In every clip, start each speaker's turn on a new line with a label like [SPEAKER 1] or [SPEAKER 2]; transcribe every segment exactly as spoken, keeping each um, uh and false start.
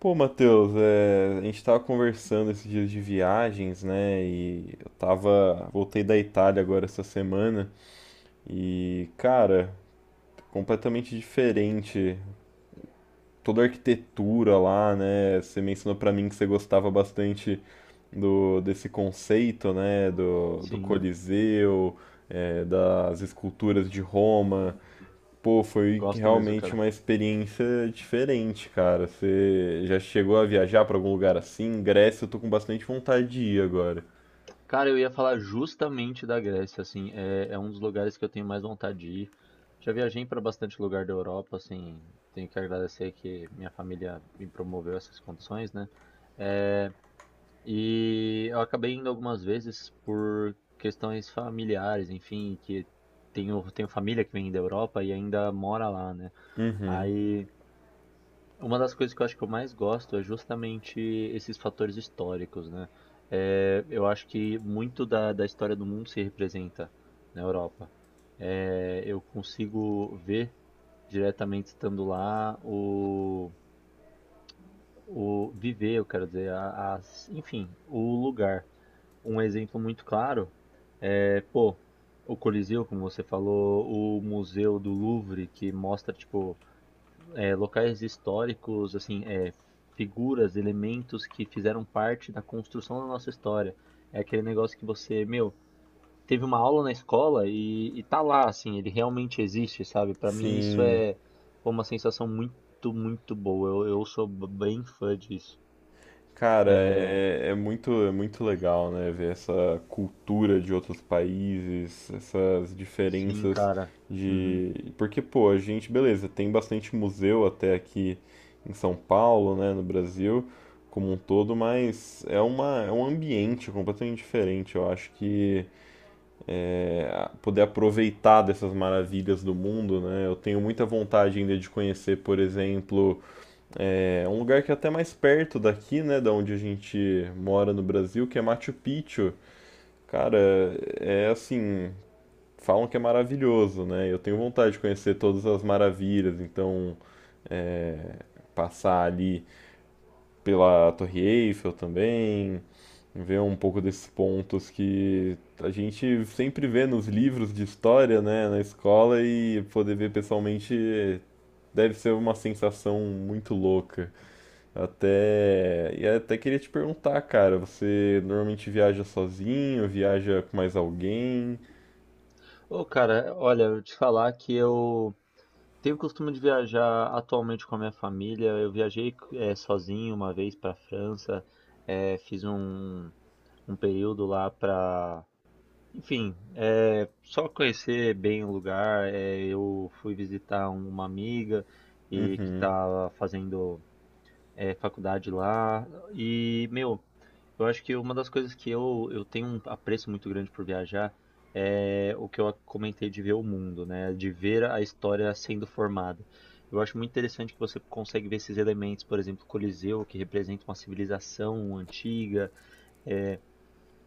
[SPEAKER 1] Pô, Matheus, é, a gente tava conversando esses dias de viagens, né? E eu tava. Voltei da Itália agora essa semana e, cara, completamente diferente. Toda a arquitetura lá, né? Você mencionou pra mim que você gostava bastante do desse conceito, né? Do, do
[SPEAKER 2] Sim,
[SPEAKER 1] Coliseu, é, das esculturas de Roma. Pô, foi que
[SPEAKER 2] gosto mesmo,
[SPEAKER 1] realmente
[SPEAKER 2] cara.
[SPEAKER 1] uma experiência diferente, cara. Você já chegou a viajar pra algum lugar assim? Grécia, eu tô com bastante vontade de ir agora.
[SPEAKER 2] Cara, eu ia falar justamente da Grécia, assim, é, é um dos lugares que eu tenho mais vontade de ir. Já viajei para bastante lugar da Europa, assim, tenho que agradecer que minha família me promoveu essas condições, né? É, e eu acabei indo algumas vezes por questões familiares, enfim, que tenho, tenho família que vem da Europa e ainda mora lá, né?
[SPEAKER 1] Uhum.
[SPEAKER 2] Aí uma das coisas que eu acho que eu mais gosto é justamente esses fatores históricos, né? Eh, eu acho que muito da, da história do mundo se representa na Europa. Eh, eu consigo ver diretamente estando lá o, o viver, eu quero dizer, a- as, enfim, o lugar. Um exemplo muito claro é, pô, o Coliseu, como você falou, o Museu do Louvre, que mostra, tipo, é, locais históricos, assim, é, figuras, elementos que fizeram parte da construção da nossa história. É aquele negócio que você, meu, teve uma aula na escola e, e tá lá, assim, ele realmente existe, sabe? Pra mim isso
[SPEAKER 1] Sim,
[SPEAKER 2] é pô, uma sensação muito, muito boa. Eu, eu sou b- bem fã disso.
[SPEAKER 1] cara,
[SPEAKER 2] É,
[SPEAKER 1] é, é muito, é muito legal, né? Ver essa cultura de outros países, essas
[SPEAKER 2] sim,
[SPEAKER 1] diferenças
[SPEAKER 2] cara. Uhum.
[SPEAKER 1] de. Porque, pô, a gente, beleza, tem bastante museu até aqui em São Paulo, né? No Brasil como um todo, mas é uma, é um ambiente completamente diferente. Eu acho que poder aproveitar dessas maravilhas do mundo, né? Eu tenho muita vontade ainda de conhecer, por exemplo, é, um lugar que é até mais perto daqui, né, da onde a gente mora no Brasil, que é Machu Picchu. Cara, é assim, falam que é maravilhoso, né? Eu tenho vontade de conhecer todas as maravilhas, então é, passar ali pela Torre Eiffel também, ver um pouco desses pontos que a gente sempre vê nos livros de história, né, na escola, e poder ver pessoalmente deve ser uma sensação muito louca. Até e até queria te perguntar, cara, você normalmente viaja sozinho, viaja com mais alguém?
[SPEAKER 2] Ô, cara, olha, eu te falar que eu tenho o costume de viajar atualmente com a minha família. Eu viajei eh, sozinho uma vez para a França, eh, fiz um, um período lá para, enfim, eh, só conhecer bem o lugar. Eh, eu fui visitar uma amiga e que estava fazendo é, faculdade lá. E, meu, eu acho que uma das coisas que eu, eu tenho um apreço muito grande por viajar é o que eu comentei de ver o mundo, né? De ver a história sendo formada. Eu acho muito interessante que você consegue ver esses elementos, por exemplo, o Coliseu, que representa uma civilização antiga,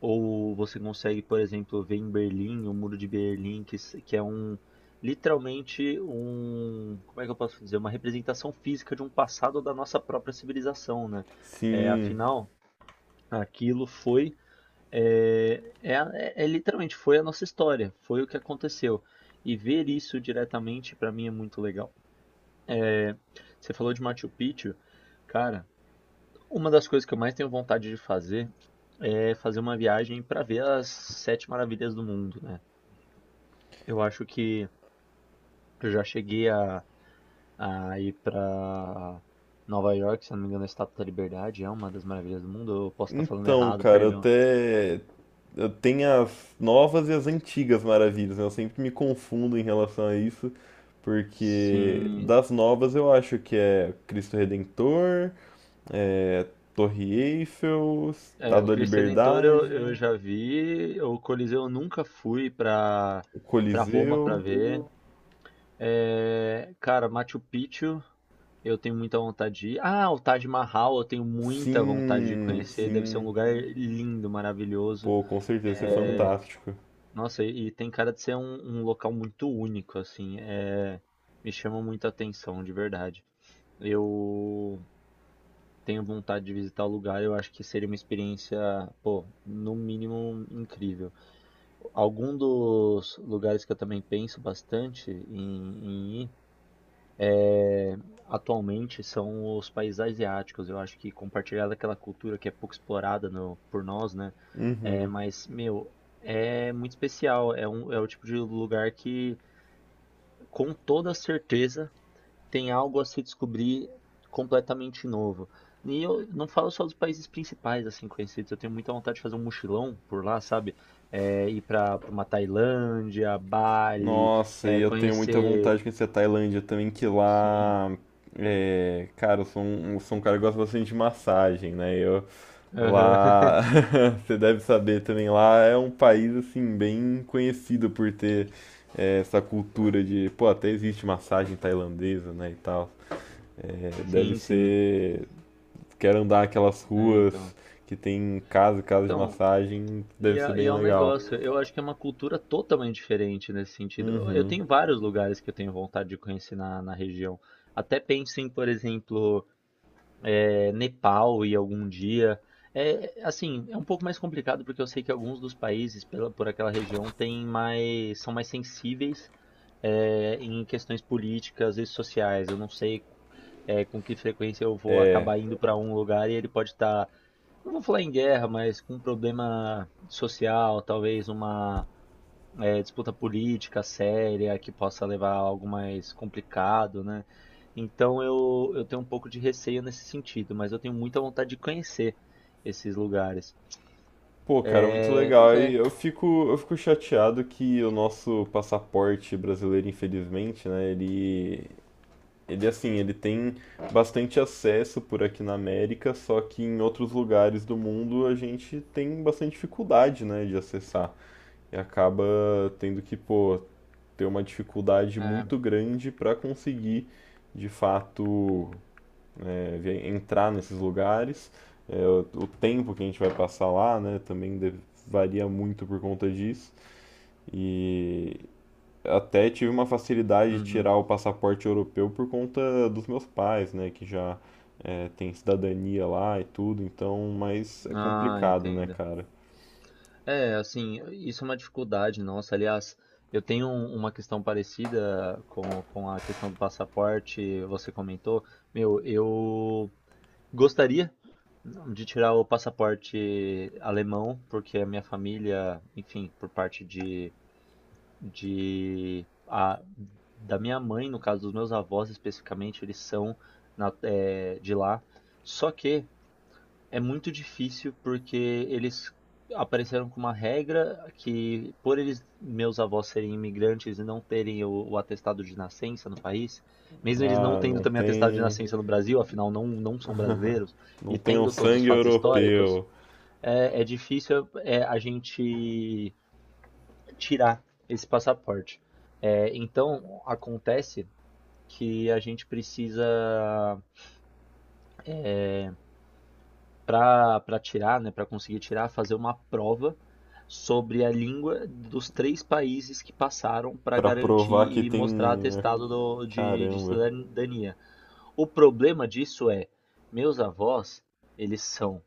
[SPEAKER 2] ou você consegue, por exemplo, ver em Berlim, o Muro de Berlim, que, se- que é um literalmente um, como é que eu posso dizer, uma representação física de um passado da nossa própria civilização, né? É,
[SPEAKER 1] Sim.
[SPEAKER 2] afinal, aquilo foi é, é, a- é- é literalmente foi a nossa história, foi o que aconteceu. E ver isso diretamente para mim é muito legal. É, você falou de Machu Picchu, cara. Uma das coisas que eu mais tenho vontade de fazer é fazer uma viagem para ver as sete maravilhas do mundo, né? Eu acho que eu já cheguei a, a ir para Nova York, se eu não me engano, a Estátua da Liberdade é uma das maravilhas do mundo. Eu posso estar falando
[SPEAKER 1] Então,
[SPEAKER 2] errado,
[SPEAKER 1] cara, eu
[SPEAKER 2] perdão.
[SPEAKER 1] até eu tenho as novas e as antigas maravilhas, né? Eu sempre me confundo em relação a isso, porque
[SPEAKER 2] Sim,
[SPEAKER 1] das novas eu acho que é Cristo Redentor, é Torre Eiffel,
[SPEAKER 2] é, o
[SPEAKER 1] Estátua da
[SPEAKER 2] Cristo Redentor eu, eu
[SPEAKER 1] Liberdade,
[SPEAKER 2] já vi, o Coliseu eu nunca fui para
[SPEAKER 1] o
[SPEAKER 2] para Roma para
[SPEAKER 1] Coliseu.
[SPEAKER 2] ver. É, cara, Machu Picchu eu tenho muita vontade de ir. Ah, o Taj Mahal, eu tenho muita vontade de
[SPEAKER 1] Sim,
[SPEAKER 2] conhecer. Deve ser um
[SPEAKER 1] sim.
[SPEAKER 2] lugar lindo, maravilhoso.
[SPEAKER 1] Pô, com certeza, isso é
[SPEAKER 2] É,
[SPEAKER 1] fantástico.
[SPEAKER 2] nossa, e e tem cara de ser um, um local muito único, assim. É, me chama muita atenção, de verdade. Eu tenho vontade de visitar o lugar. Eu acho que seria uma experiência, pô, no mínimo incrível. Algum dos lugares que eu também penso bastante em, em ir atualmente são os países asiáticos. Eu acho que compartilhar daquela cultura que é pouco explorada no- por nós, né? É,
[SPEAKER 1] Uhum.
[SPEAKER 2] mas, meu, é muito especial. É, um, é o tipo de lugar que, com toda certeza, tem algo a se descobrir completamente novo. E eu não falo só dos países principais, assim, conhecidos. Eu tenho muita vontade de fazer um mochilão por lá, sabe? É, ir para uma Tailândia, Bali,
[SPEAKER 1] Nossa, e
[SPEAKER 2] é,
[SPEAKER 1] eu tenho muita
[SPEAKER 2] conhecer.
[SPEAKER 1] vontade de conhecer a Tailândia também, que
[SPEAKER 2] Sim.
[SPEAKER 1] lá, é, cara, eu sou um, eu sou um cara que gosta bastante de massagem, né? Eu
[SPEAKER 2] Aham.
[SPEAKER 1] lá, você deve saber também, lá é um país assim bem conhecido por ter é, essa cultura de, pô, até existe massagem tailandesa, né, e tal. É, deve
[SPEAKER 2] Sim, sim.
[SPEAKER 1] ser, quero andar aquelas
[SPEAKER 2] É,
[SPEAKER 1] ruas
[SPEAKER 2] então.
[SPEAKER 1] que tem casa, casa de
[SPEAKER 2] Então,
[SPEAKER 1] massagem,
[SPEAKER 2] e
[SPEAKER 1] deve ser
[SPEAKER 2] é, e
[SPEAKER 1] bem
[SPEAKER 2] é um
[SPEAKER 1] legal.
[SPEAKER 2] negócio, eu acho que é uma cultura totalmente diferente nesse sentido. Eu eu
[SPEAKER 1] Uhum.
[SPEAKER 2] tenho vários lugares que eu tenho vontade de conhecer na, na região. Até penso em, por exemplo, é, Nepal e algum dia. É, assim, é um pouco mais complicado porque eu sei que alguns dos países pela, por aquela região têm mais, são mais sensíveis é, em questões políticas e sociais. Eu não sei é, com que frequência eu vou
[SPEAKER 1] É,
[SPEAKER 2] acabar indo para um lugar e ele pode estar, não vou falar em guerra, mas com um problema social, talvez uma é, disputa política séria que possa levar a algo mais complicado, né? Então eu, eu tenho um pouco de receio nesse sentido, mas eu tenho muita vontade de conhecer esses lugares.
[SPEAKER 1] Pô, cara, muito
[SPEAKER 2] É, pois
[SPEAKER 1] legal. E
[SPEAKER 2] é,
[SPEAKER 1] eu fico, eu fico chateado que o nosso passaporte brasileiro, infelizmente, né, ele, ele assim, ele tem bastante acesso por aqui na América, só que em outros lugares do mundo a gente tem bastante dificuldade, né, de acessar. E acaba tendo que, pô, ter uma dificuldade
[SPEAKER 2] é,
[SPEAKER 1] muito grande para conseguir, de fato, é, ver- entrar nesses lugares. É, o, o tempo que a gente vai passar lá, né, também de- varia muito por conta disso. E até tive uma facilidade de
[SPEAKER 2] uhum.
[SPEAKER 1] tirar o passaporte europeu por conta dos meus pais, né, que já é, têm cidadania lá e tudo. Então, mas é
[SPEAKER 2] Ah,
[SPEAKER 1] complicado, né,
[SPEAKER 2] entendo.
[SPEAKER 1] cara?
[SPEAKER 2] É, assim, isso é uma dificuldade nossa. Aliás, eu tenho um- uma questão parecida com, com a questão do passaporte, você comentou. Meu, eu gostaria de tirar o passaporte alemão, porque a minha família, enfim, por parte de, de a, da minha mãe, no caso dos meus avós especificamente, eles são na- é, de lá. Só que é muito difícil porque eles apareceram com uma regra que, por eles, meus avós serem imigrantes e não terem o, o atestado de nascença no país, mesmo eles não
[SPEAKER 1] Ah,
[SPEAKER 2] tendo
[SPEAKER 1] não
[SPEAKER 2] também atestado de
[SPEAKER 1] tem,
[SPEAKER 2] nascença no Brasil, afinal não, não são brasileiros,
[SPEAKER 1] não
[SPEAKER 2] e
[SPEAKER 1] tem o
[SPEAKER 2] tendo todos os
[SPEAKER 1] sangue
[SPEAKER 2] fatos históricos,
[SPEAKER 1] europeu
[SPEAKER 2] é, é difícil é, a gente tirar esse passaporte. É, então, acontece que a gente precisa para para tirar, né, para conseguir tirar, fazer uma prova sobre a língua dos três países que passaram para
[SPEAKER 1] pra
[SPEAKER 2] garantir
[SPEAKER 1] provar que
[SPEAKER 2] e mostrar
[SPEAKER 1] tem.
[SPEAKER 2] atestado do, de, de
[SPEAKER 1] Caramba,
[SPEAKER 2] cidadania. O problema disso é, meus avós, eles são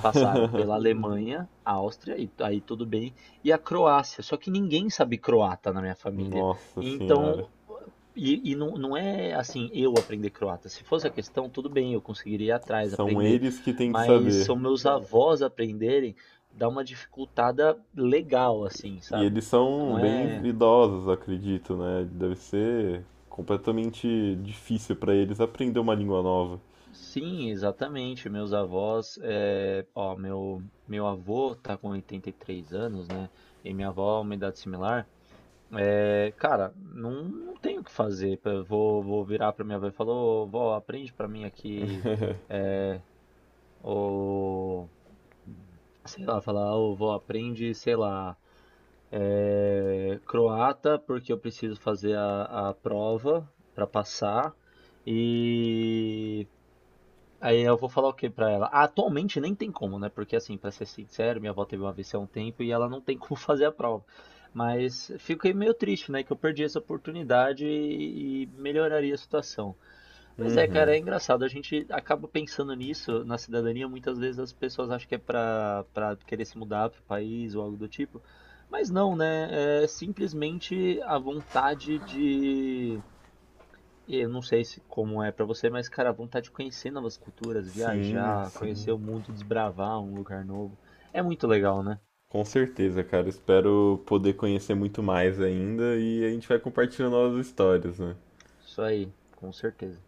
[SPEAKER 2] passaram pela Alemanha, Áustria, e aí tudo bem, e a Croácia. Só que ninguém sabe croata na minha família.
[SPEAKER 1] nossa senhora.
[SPEAKER 2] Então, e, e não, não é assim, eu aprender croata. Se fosse a questão, tudo bem, eu conseguiria ir atrás,
[SPEAKER 1] São
[SPEAKER 2] aprender.
[SPEAKER 1] eles que têm que
[SPEAKER 2] Mas
[SPEAKER 1] saber.
[SPEAKER 2] são meus avós aprenderem, dá uma dificultada legal, assim,
[SPEAKER 1] E
[SPEAKER 2] sabe?
[SPEAKER 1] eles são
[SPEAKER 2] Não
[SPEAKER 1] bem
[SPEAKER 2] é.
[SPEAKER 1] idosos, acredito, né? Deve ser completamente difícil para eles aprender uma língua nova.
[SPEAKER 2] Sim, exatamente. Meus avós. É... Ó, meu, meu avô tá com oitenta e três anos, né? E minha avó, uma idade similar. É... Cara, não, não tenho o que fazer. Eu Vou, vou virar pra minha avó e falar: Ô, vó, aprende pra mim aqui. Ô sei lá, falar, ô vó, aprende, sei lá, é, croata, porque eu preciso fazer a, a prova para passar. E aí eu vou falar o que pra ela? Ah, atualmente nem tem como, né? Porque assim, pra ser sincero, minha avó teve uma A V C há um tempo e ela não tem como fazer a prova. Mas fiquei meio triste, né? Que eu perdi essa oportunidade e, e melhoraria a situação. Mas é, cara, é engraçado. A gente acaba pensando nisso na cidadania. Muitas vezes as pessoas acham que é pra, pra querer se mudar pro país ou algo do tipo. Mas não, né? É simplesmente a vontade de. Eu não sei se como é pra você, mas, cara, a vontade de conhecer novas culturas,
[SPEAKER 1] Sim,
[SPEAKER 2] viajar,
[SPEAKER 1] sim.
[SPEAKER 2] conhecer o mundo, desbravar um lugar novo. É muito legal, né?
[SPEAKER 1] Com certeza, cara. Espero poder conhecer muito mais ainda e a gente vai compartilhando novas histórias, né?
[SPEAKER 2] Isso aí, com certeza.